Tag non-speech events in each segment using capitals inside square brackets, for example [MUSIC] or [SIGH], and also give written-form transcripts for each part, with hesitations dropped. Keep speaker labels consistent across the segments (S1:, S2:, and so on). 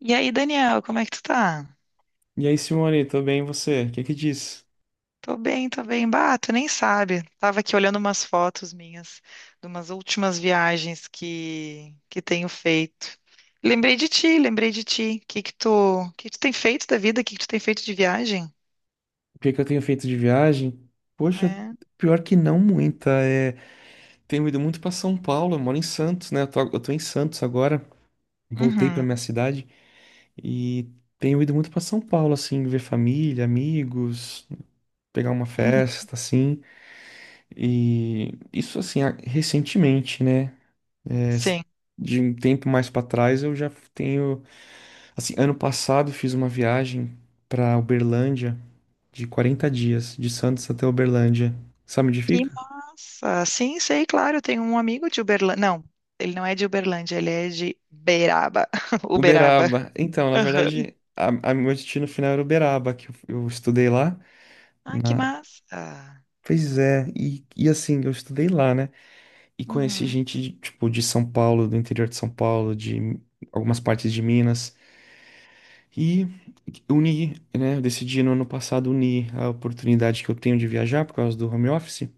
S1: E aí, Daniel, como é que tu tá?
S2: E aí, Simone, tô bem, e você? O que é que diz?
S1: Tô bem, tô bem. Bah, tu nem sabe. Tava aqui olhando umas fotos minhas de umas últimas viagens que tenho feito. Lembrei de ti, lembrei de ti. Que tu tem feito da vida? O que que tu tem feito de viagem?
S2: O que é que eu tenho feito de viagem? Poxa,
S1: É.
S2: pior que não muita. Tenho ido muito pra São Paulo, eu moro em Santos, né? Eu tô em Santos agora, voltei pra
S1: Uhum,
S2: minha cidade e tenho ido muito pra São Paulo, assim, ver família, amigos, pegar uma
S1: uhum.
S2: festa, assim. E isso, assim, recentemente, né? É,
S1: Sim.
S2: De um tempo mais pra trás, eu já tenho. Assim, ano passado fiz uma viagem pra Uberlândia, de 40 dias, de Santos até Uberlândia. Sabe onde
S1: Que
S2: fica?
S1: massa. Sim, sei, claro. Eu tenho um amigo de Uberlândia. Não, ele não é de Uberlândia, ele é de Beraba. [LAUGHS] Uberaba.
S2: Uberaba. Então, na
S1: Aham.
S2: verdade, a meu destino final era Uberaba, eu estudei lá
S1: Ah, que
S2: na.
S1: massa.
S2: Pois é, e assim, eu estudei lá, né? E conheci
S1: Uhum,
S2: gente, de, tipo, de São Paulo, do interior de São Paulo, de algumas partes de Minas. E uni, né? Eu decidi no ano passado unir a oportunidade que eu tenho de viajar por causa do home office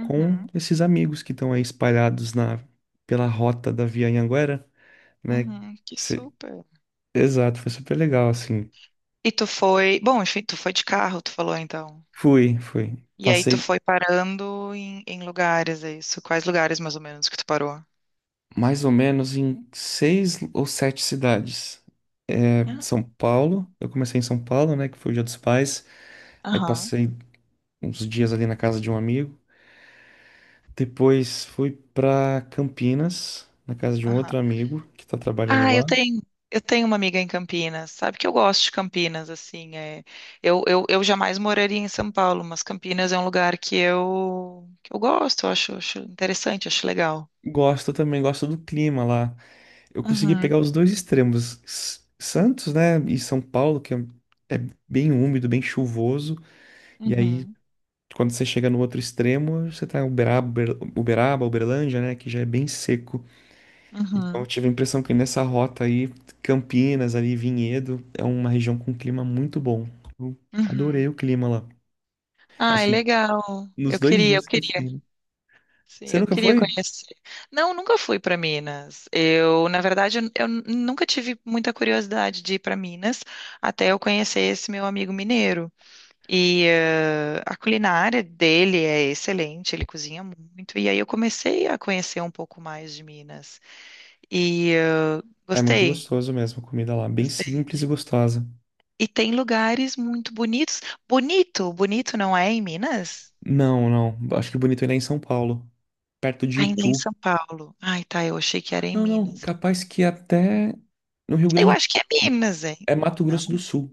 S2: com esses amigos que estão aí espalhados na, pela rota da Via Anhanguera, né?
S1: Uhum, que
S2: Se-
S1: super.
S2: Exato, foi super legal, assim.
S1: Bom, enfim, tu foi de carro, tu falou então.
S2: Fui, fui.
S1: E aí tu
S2: Passei
S1: foi parando em lugares, é isso? Quais lugares mais ou menos que tu parou?
S2: mais ou menos em 6 ou 7 cidades. É,
S1: Ah,
S2: São Paulo, eu comecei em São Paulo, né, que foi o Dia dos Pais. Aí
S1: aham,
S2: passei uns dias ali na casa de um amigo. Depois fui pra Campinas, na casa de um
S1: aham.
S2: outro amigo que tá trabalhando
S1: Ah, eu
S2: lá.
S1: tenho, eu tenho uma amiga em Campinas. Sabe que eu gosto de Campinas, assim, é. Eu jamais moraria em São Paulo, mas Campinas é um lugar que eu gosto, eu acho interessante, acho legal.
S2: Gosto também, gosto do clima lá. Eu consegui
S1: Uhum,
S2: pegar os dois extremos. Santos, né, e São Paulo, que é bem úmido, bem chuvoso. E aí,
S1: uhum,
S2: quando você chega no outro extremo, você tá em Uberaba, Uberaba, Uberlândia, né? Que já é bem seco. Então, eu
S1: uhum,
S2: tive a impressão que nessa rota aí, Campinas, ali, Vinhedo, é uma região com clima muito bom. Eu adorei
S1: uhum.
S2: o clima lá.
S1: Ai,
S2: Assim,
S1: legal.
S2: nos
S1: Eu
S2: dois
S1: queria, eu
S2: dias que eu
S1: queria.
S2: fiquei, né?
S1: Sim,
S2: Você
S1: eu
S2: nunca
S1: queria
S2: foi?
S1: conhecer. Não, nunca fui para Minas. Na verdade, eu nunca tive muita curiosidade de ir para Minas até eu conhecer esse meu amigo mineiro. A culinária dele é excelente, ele cozinha muito. E aí eu comecei a conhecer um pouco mais de Minas. E eh,
S2: É muito
S1: Gostei,
S2: gostoso mesmo a comida lá. Bem
S1: gostei.
S2: simples e gostosa.
S1: E tem lugares muito bonitos. Bonito, Bonito não é em Minas?
S2: Não, não. Acho que bonito ainda é em São Paulo, perto de
S1: Ainda é em
S2: Itu.
S1: São Paulo. Ai, tá, eu achei que era em
S2: Não, não.
S1: Minas.
S2: Capaz que até no Rio
S1: Eu
S2: Grande.
S1: acho que é Minas, hein?
S2: É Mato Grosso do
S1: Não.
S2: Sul.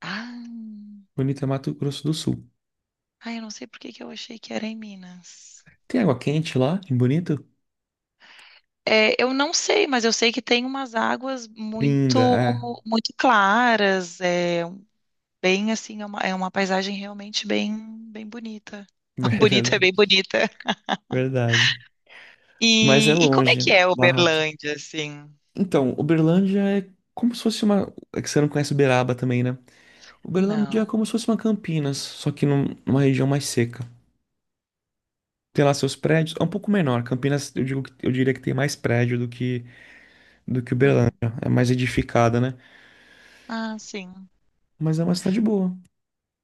S1: Ah,
S2: Bonito é Mato Grosso do Sul.
S1: ai, eu não sei por que que eu achei que era em Minas.
S2: Tem água quente lá, em Bonito?
S1: É, eu não sei, mas eu sei que tem umas águas
S2: Linda,
S1: muito,
S2: é.
S1: muito claras. É bem assim, é uma paisagem realmente bem, bem bonita. [LAUGHS]
S2: [LAUGHS]
S1: Bonita, é
S2: Verdade,
S1: bem bonita.
S2: verdade. Mas é
S1: E como é
S2: longe,
S1: que
S2: né?
S1: é
S2: Barrota.
S1: Uberlândia, assim?
S2: Então, Uberlândia é como se fosse uma. É que você não conhece Uberaba também, né? Uberlândia é
S1: Não.
S2: como se fosse uma Campinas, só que numa região mais seca. Tem lá seus prédios, é um pouco menor. Campinas, eu digo, eu diria que tem mais prédio do que Uberlândia.
S1: Ah,
S2: É mais edificada, né?
S1: ah, sim.
S2: Mas é uma cidade boa.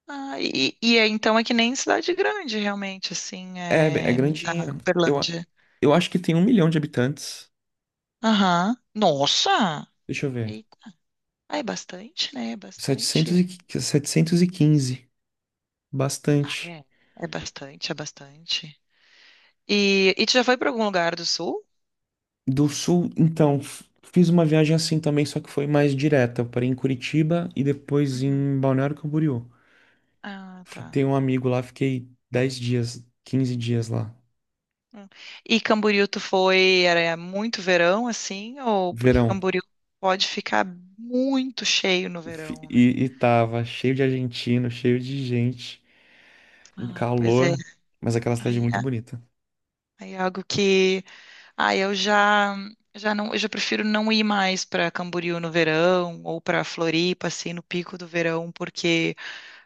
S1: Ah, e, então é que nem cidade grande, realmente, assim,
S2: É, é
S1: é, a
S2: grandinha. Eu, a-
S1: Uberlândia.
S2: eu acho que tem 1 milhão de habitantes.
S1: Aham. Nossa!
S2: Deixa eu ver.
S1: Eita. Ah, é bastante, né? É
S2: Setecentos
S1: bastante.
S2: e, 715,
S1: Ah,
S2: bastante.
S1: é. É bastante, é bastante. E tu já foi para algum lugar do sul?
S2: Do sul, então, fiz uma viagem assim também, só que foi mais direta. Eu parei em Curitiba e depois
S1: Uhum.
S2: em Balneário Camboriú.
S1: Ah,
S2: Tem
S1: tá.
S2: um amigo lá, fiquei 10 dias, 15 dias lá,
S1: Hum. E Camboriú tu foi, era muito verão assim, ou porque
S2: verão.
S1: Camboriú pode ficar muito cheio no verão, né?
S2: E tava cheio de argentino, cheio de gente, um
S1: Ai, pois é.
S2: calor, mas aquela cidade é
S1: Aí
S2: muito
S1: é,
S2: bonita.
S1: aí é algo que, ai, eu já prefiro não ir mais para Camboriú no verão ou para Floripa assim no pico do verão, porque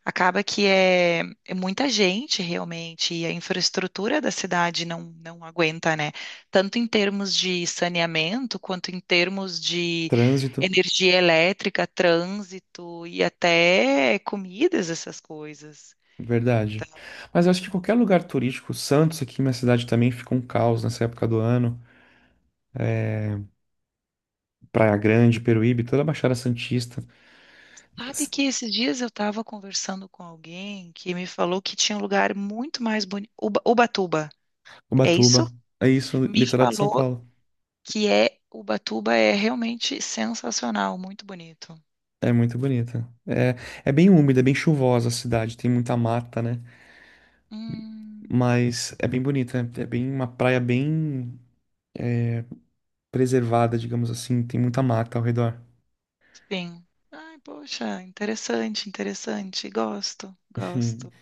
S1: acaba que é muita gente realmente, e a infraestrutura da cidade não, não aguenta, né? Tanto em termos de saneamento, quanto em termos de
S2: Trânsito,
S1: energia elétrica, trânsito e até comidas, essas coisas.
S2: verdade.
S1: Então,
S2: Mas eu acho que qualquer lugar turístico, Santos, aqui minha cidade também fica um caos nessa época do ano. Praia Grande, Peruíbe, toda a Baixada Santista,
S1: sabe que esses dias eu estava conversando com alguém que me falou que tinha um lugar muito mais bonito, Ubatuba, é isso?
S2: Ubatuba. É isso,
S1: Me
S2: litoral de São
S1: falou
S2: Paulo.
S1: que é Ubatuba é realmente sensacional, muito bonito.
S2: É muito bonita. É, é bem úmida, é bem chuvosa a cidade, tem muita mata, né?
S1: Hum,
S2: Mas é bem bonita, é bem uma praia bem preservada, digamos assim, tem muita mata ao redor. [LAUGHS]
S1: sim. Ai, poxa, interessante, interessante. Gosto,
S2: Hum.
S1: gosto.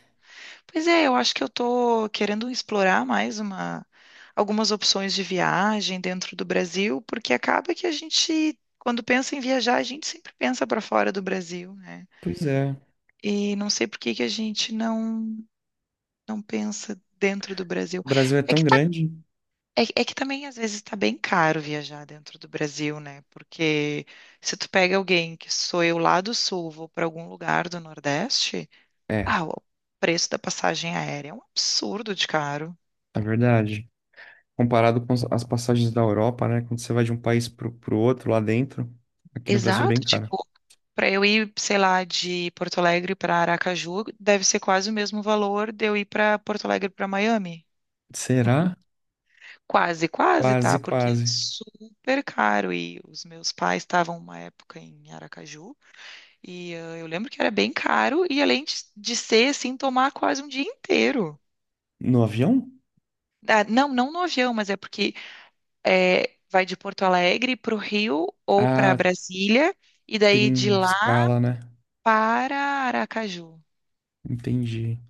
S1: Pois é, eu acho que eu tô querendo explorar algumas opções de viagem dentro do Brasil, porque acaba que a gente, quando pensa em viajar, a gente sempre pensa para fora do Brasil, né?
S2: Pois é,
S1: E não sei por que que a gente não, não pensa dentro do Brasil.
S2: o Brasil é
S1: É
S2: tão
S1: que
S2: grande.
S1: É que também às vezes está bem caro viajar dentro do Brasil, né? Porque se tu pega alguém que sou eu lá do sul, vou para algum lugar do Nordeste,
S2: É,
S1: o preço da passagem aérea é um absurdo de caro.
S2: é verdade. Comparado com as passagens da Europa, né? Quando você vai de um país pro outro lá dentro, aqui no Brasil é bem
S1: Exato,
S2: caro.
S1: tipo, para eu ir, sei lá, de Porto Alegre para Aracaju, deve ser quase o mesmo valor de eu ir para Porto Alegre para Miami.
S2: Será?
S1: Quase, quase,
S2: Quase,
S1: tá? Porque é
S2: quase.
S1: super caro. E os meus pais estavam uma época em Aracaju. E eu lembro que era bem caro e além de ser assim, tomar quase um dia inteiro.
S2: No avião?
S1: Ah, não, não no avião, mas é porque vai de Porto Alegre para o Rio ou para
S2: Ah,
S1: Brasília e daí de
S2: tem
S1: lá
S2: escala, né?
S1: para Aracaju.
S2: Entendi.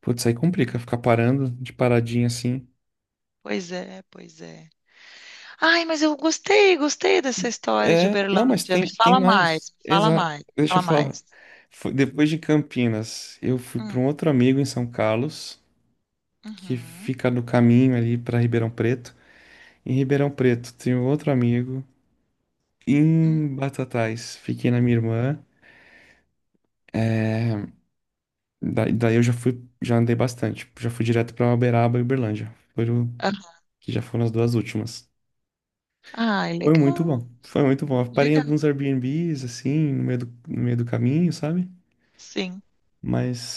S2: Putz, aí complica ficar parando de paradinha assim.
S1: Pois é, pois é. Ai, mas eu gostei, gostei dessa história de
S2: É, não, mas
S1: Uberlândia. Me
S2: tem, tem
S1: fala mais,
S2: mais.
S1: me fala
S2: Exato.
S1: mais, me
S2: Deixa
S1: fala
S2: eu falar.
S1: mais.
S2: Depois de Campinas, eu fui para
S1: Hum,
S2: um outro amigo em São Carlos, que
S1: uhum,
S2: fica no caminho ali para Ribeirão Preto. Em Ribeirão Preto, tem um outro amigo.
S1: hum,
S2: Em Batatais, fiquei na minha irmã. Daí eu já fui, já andei bastante. Já fui direto para Uberaba e Uberlândia. Foram,
S1: aham.
S2: que já foram as duas últimas.
S1: Ai,
S2: Foi muito
S1: legal,
S2: bom. Foi muito bom. Eu parei em
S1: legal.
S2: alguns Airbnbs, assim, no meio do, no meio do caminho, sabe?
S1: Sim.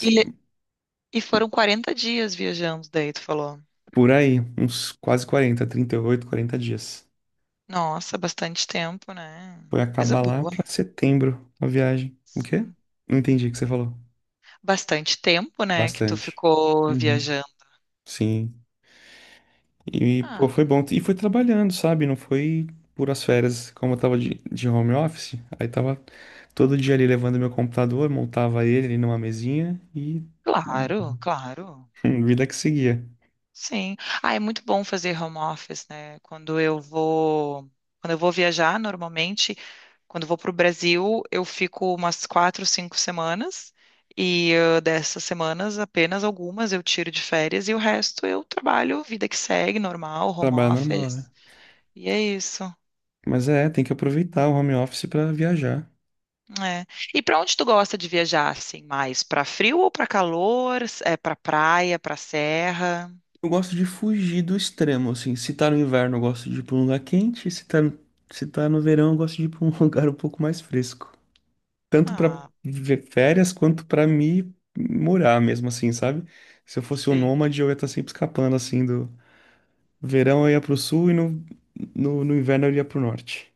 S1: E, le- e foram 40 dias viajando, daí tu falou.
S2: por aí, uns quase 40, 38, 40 dias.
S1: Nossa, bastante tempo, né?
S2: Foi
S1: Coisa
S2: acabar lá
S1: boa.
S2: pra setembro a viagem. O quê?
S1: Sim.
S2: Não entendi o que você falou.
S1: Bastante tempo, né, que tu
S2: Bastante.
S1: ficou
S2: Uhum.
S1: viajando.
S2: Sim. E, pô,
S1: Ah,
S2: foi bom.
S1: legal.
S2: E foi trabalhando, sabe? Não foi puras férias, como eu tava de home office. Aí tava todo dia ali levando meu computador, montava ele ali numa mesinha e
S1: Claro, claro.
S2: [LAUGHS] vida que seguia.
S1: Sim. Ah, é muito bom fazer home office, né? Quando eu vou viajar, normalmente, quando eu vou para o Brasil, eu fico umas quatro, cinco semanas. Dessas semanas, apenas algumas eu tiro de férias e o resto eu trabalho, vida que segue, normal, home
S2: Trabalho normal, né?
S1: office. E é isso.
S2: Mas é, tem que aproveitar o home office pra viajar.
S1: É. E para onde tu gosta de viajar assim mais? Para frio ou para calor? É para praia, para serra?
S2: Eu gosto de fugir do extremo, assim. Se tá no inverno, eu gosto de ir pra um lugar quente. Se tá no verão, eu gosto de ir pra um [LAUGHS] lugar um pouco mais fresco. Tanto pra
S1: Ah,
S2: ver férias, quanto pra me morar mesmo, assim, sabe? Se eu fosse um
S1: sim.
S2: nômade, eu ia estar sempre escapando, assim, do verão eu ia pro sul e no inverno eu ia pro norte.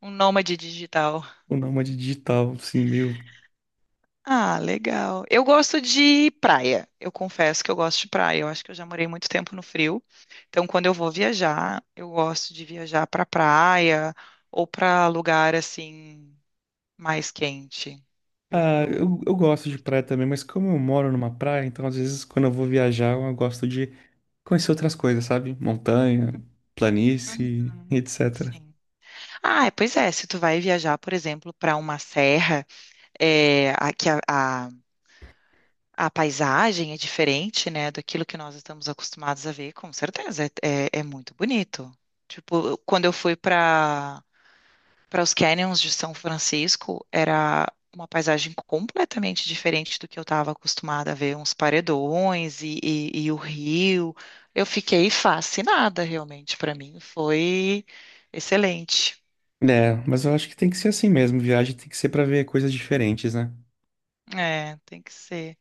S1: Um nômade digital.
S2: O nômade digital, assim, meio
S1: Ah, legal. Eu gosto de praia. Eu confesso que eu gosto de praia. Eu acho que eu já morei muito tempo no frio. Então, quando eu vou viajar, eu gosto de viajar para praia ou para lugar assim mais quente. Eu,
S2: Ah,
S1: eu
S2: eu gosto de
S1: curto.
S2: praia também, mas como eu moro numa praia, então às vezes quando eu vou viajar, eu gosto de conhecer outras coisas, sabe? Montanha, planície,
S1: Uhum,
S2: etc.
S1: sim. Ah, é, pois é. Se tu vai viajar, por exemplo, para uma serra é, a, que a paisagem é diferente, né, daquilo que nós estamos acostumados a ver, com certeza, é muito bonito. Tipo, quando eu fui para os canyons de São Francisco, era uma paisagem completamente diferente do que eu estava acostumada a ver, uns paredões e o rio. Eu fiquei fascinada, realmente, para mim foi excelente.
S2: É, mas eu acho que tem que ser assim mesmo, viagem tem que ser pra ver coisas diferentes, né?
S1: É, tem que ser.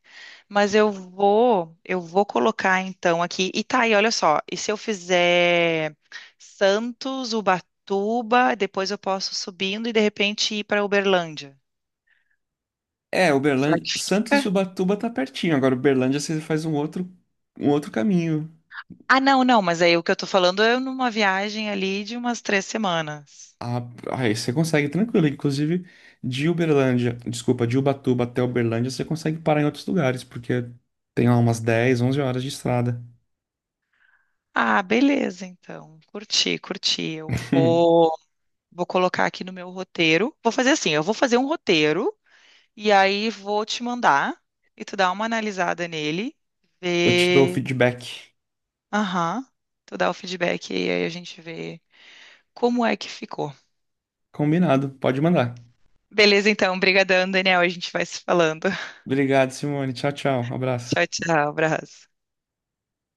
S1: Mas eu vou colocar então aqui. E tá aí, olha só. E se eu fizer Santos, Ubatuba, depois eu posso subindo e de repente ir para Uberlândia.
S2: É,
S1: Será
S2: Uberlândia,
S1: que
S2: Santos e
S1: fica?
S2: Ubatuba tá pertinho, agora Uberlândia você faz um outro caminho.
S1: Ah, não, não, mas aí o que eu tô falando é numa viagem ali de umas três semanas.
S2: Ah, aí você consegue tranquilo, inclusive de Uberlândia, desculpa, de Ubatuba até Uberlândia você consegue parar em outros lugares, porque tem lá umas 10, 11 horas de estrada.
S1: Ah, beleza, então. Curti, curti. Eu
S2: [LAUGHS]
S1: vou, vou colocar aqui no meu roteiro. Vou fazer assim, eu vou fazer um roteiro e aí vou te mandar e tu dá uma analisada nele,
S2: Eu te dou o
S1: ver.
S2: feedback.
S1: Aham. Tu dá o feedback e aí a gente vê como é que ficou.
S2: Combinado, pode mandar.
S1: Beleza, então. Obrigadão, Daniel. A gente vai se falando. [LAUGHS]
S2: Obrigado, Simone. Tchau, tchau. Abraço.
S1: Tchau, tchau. Abraço.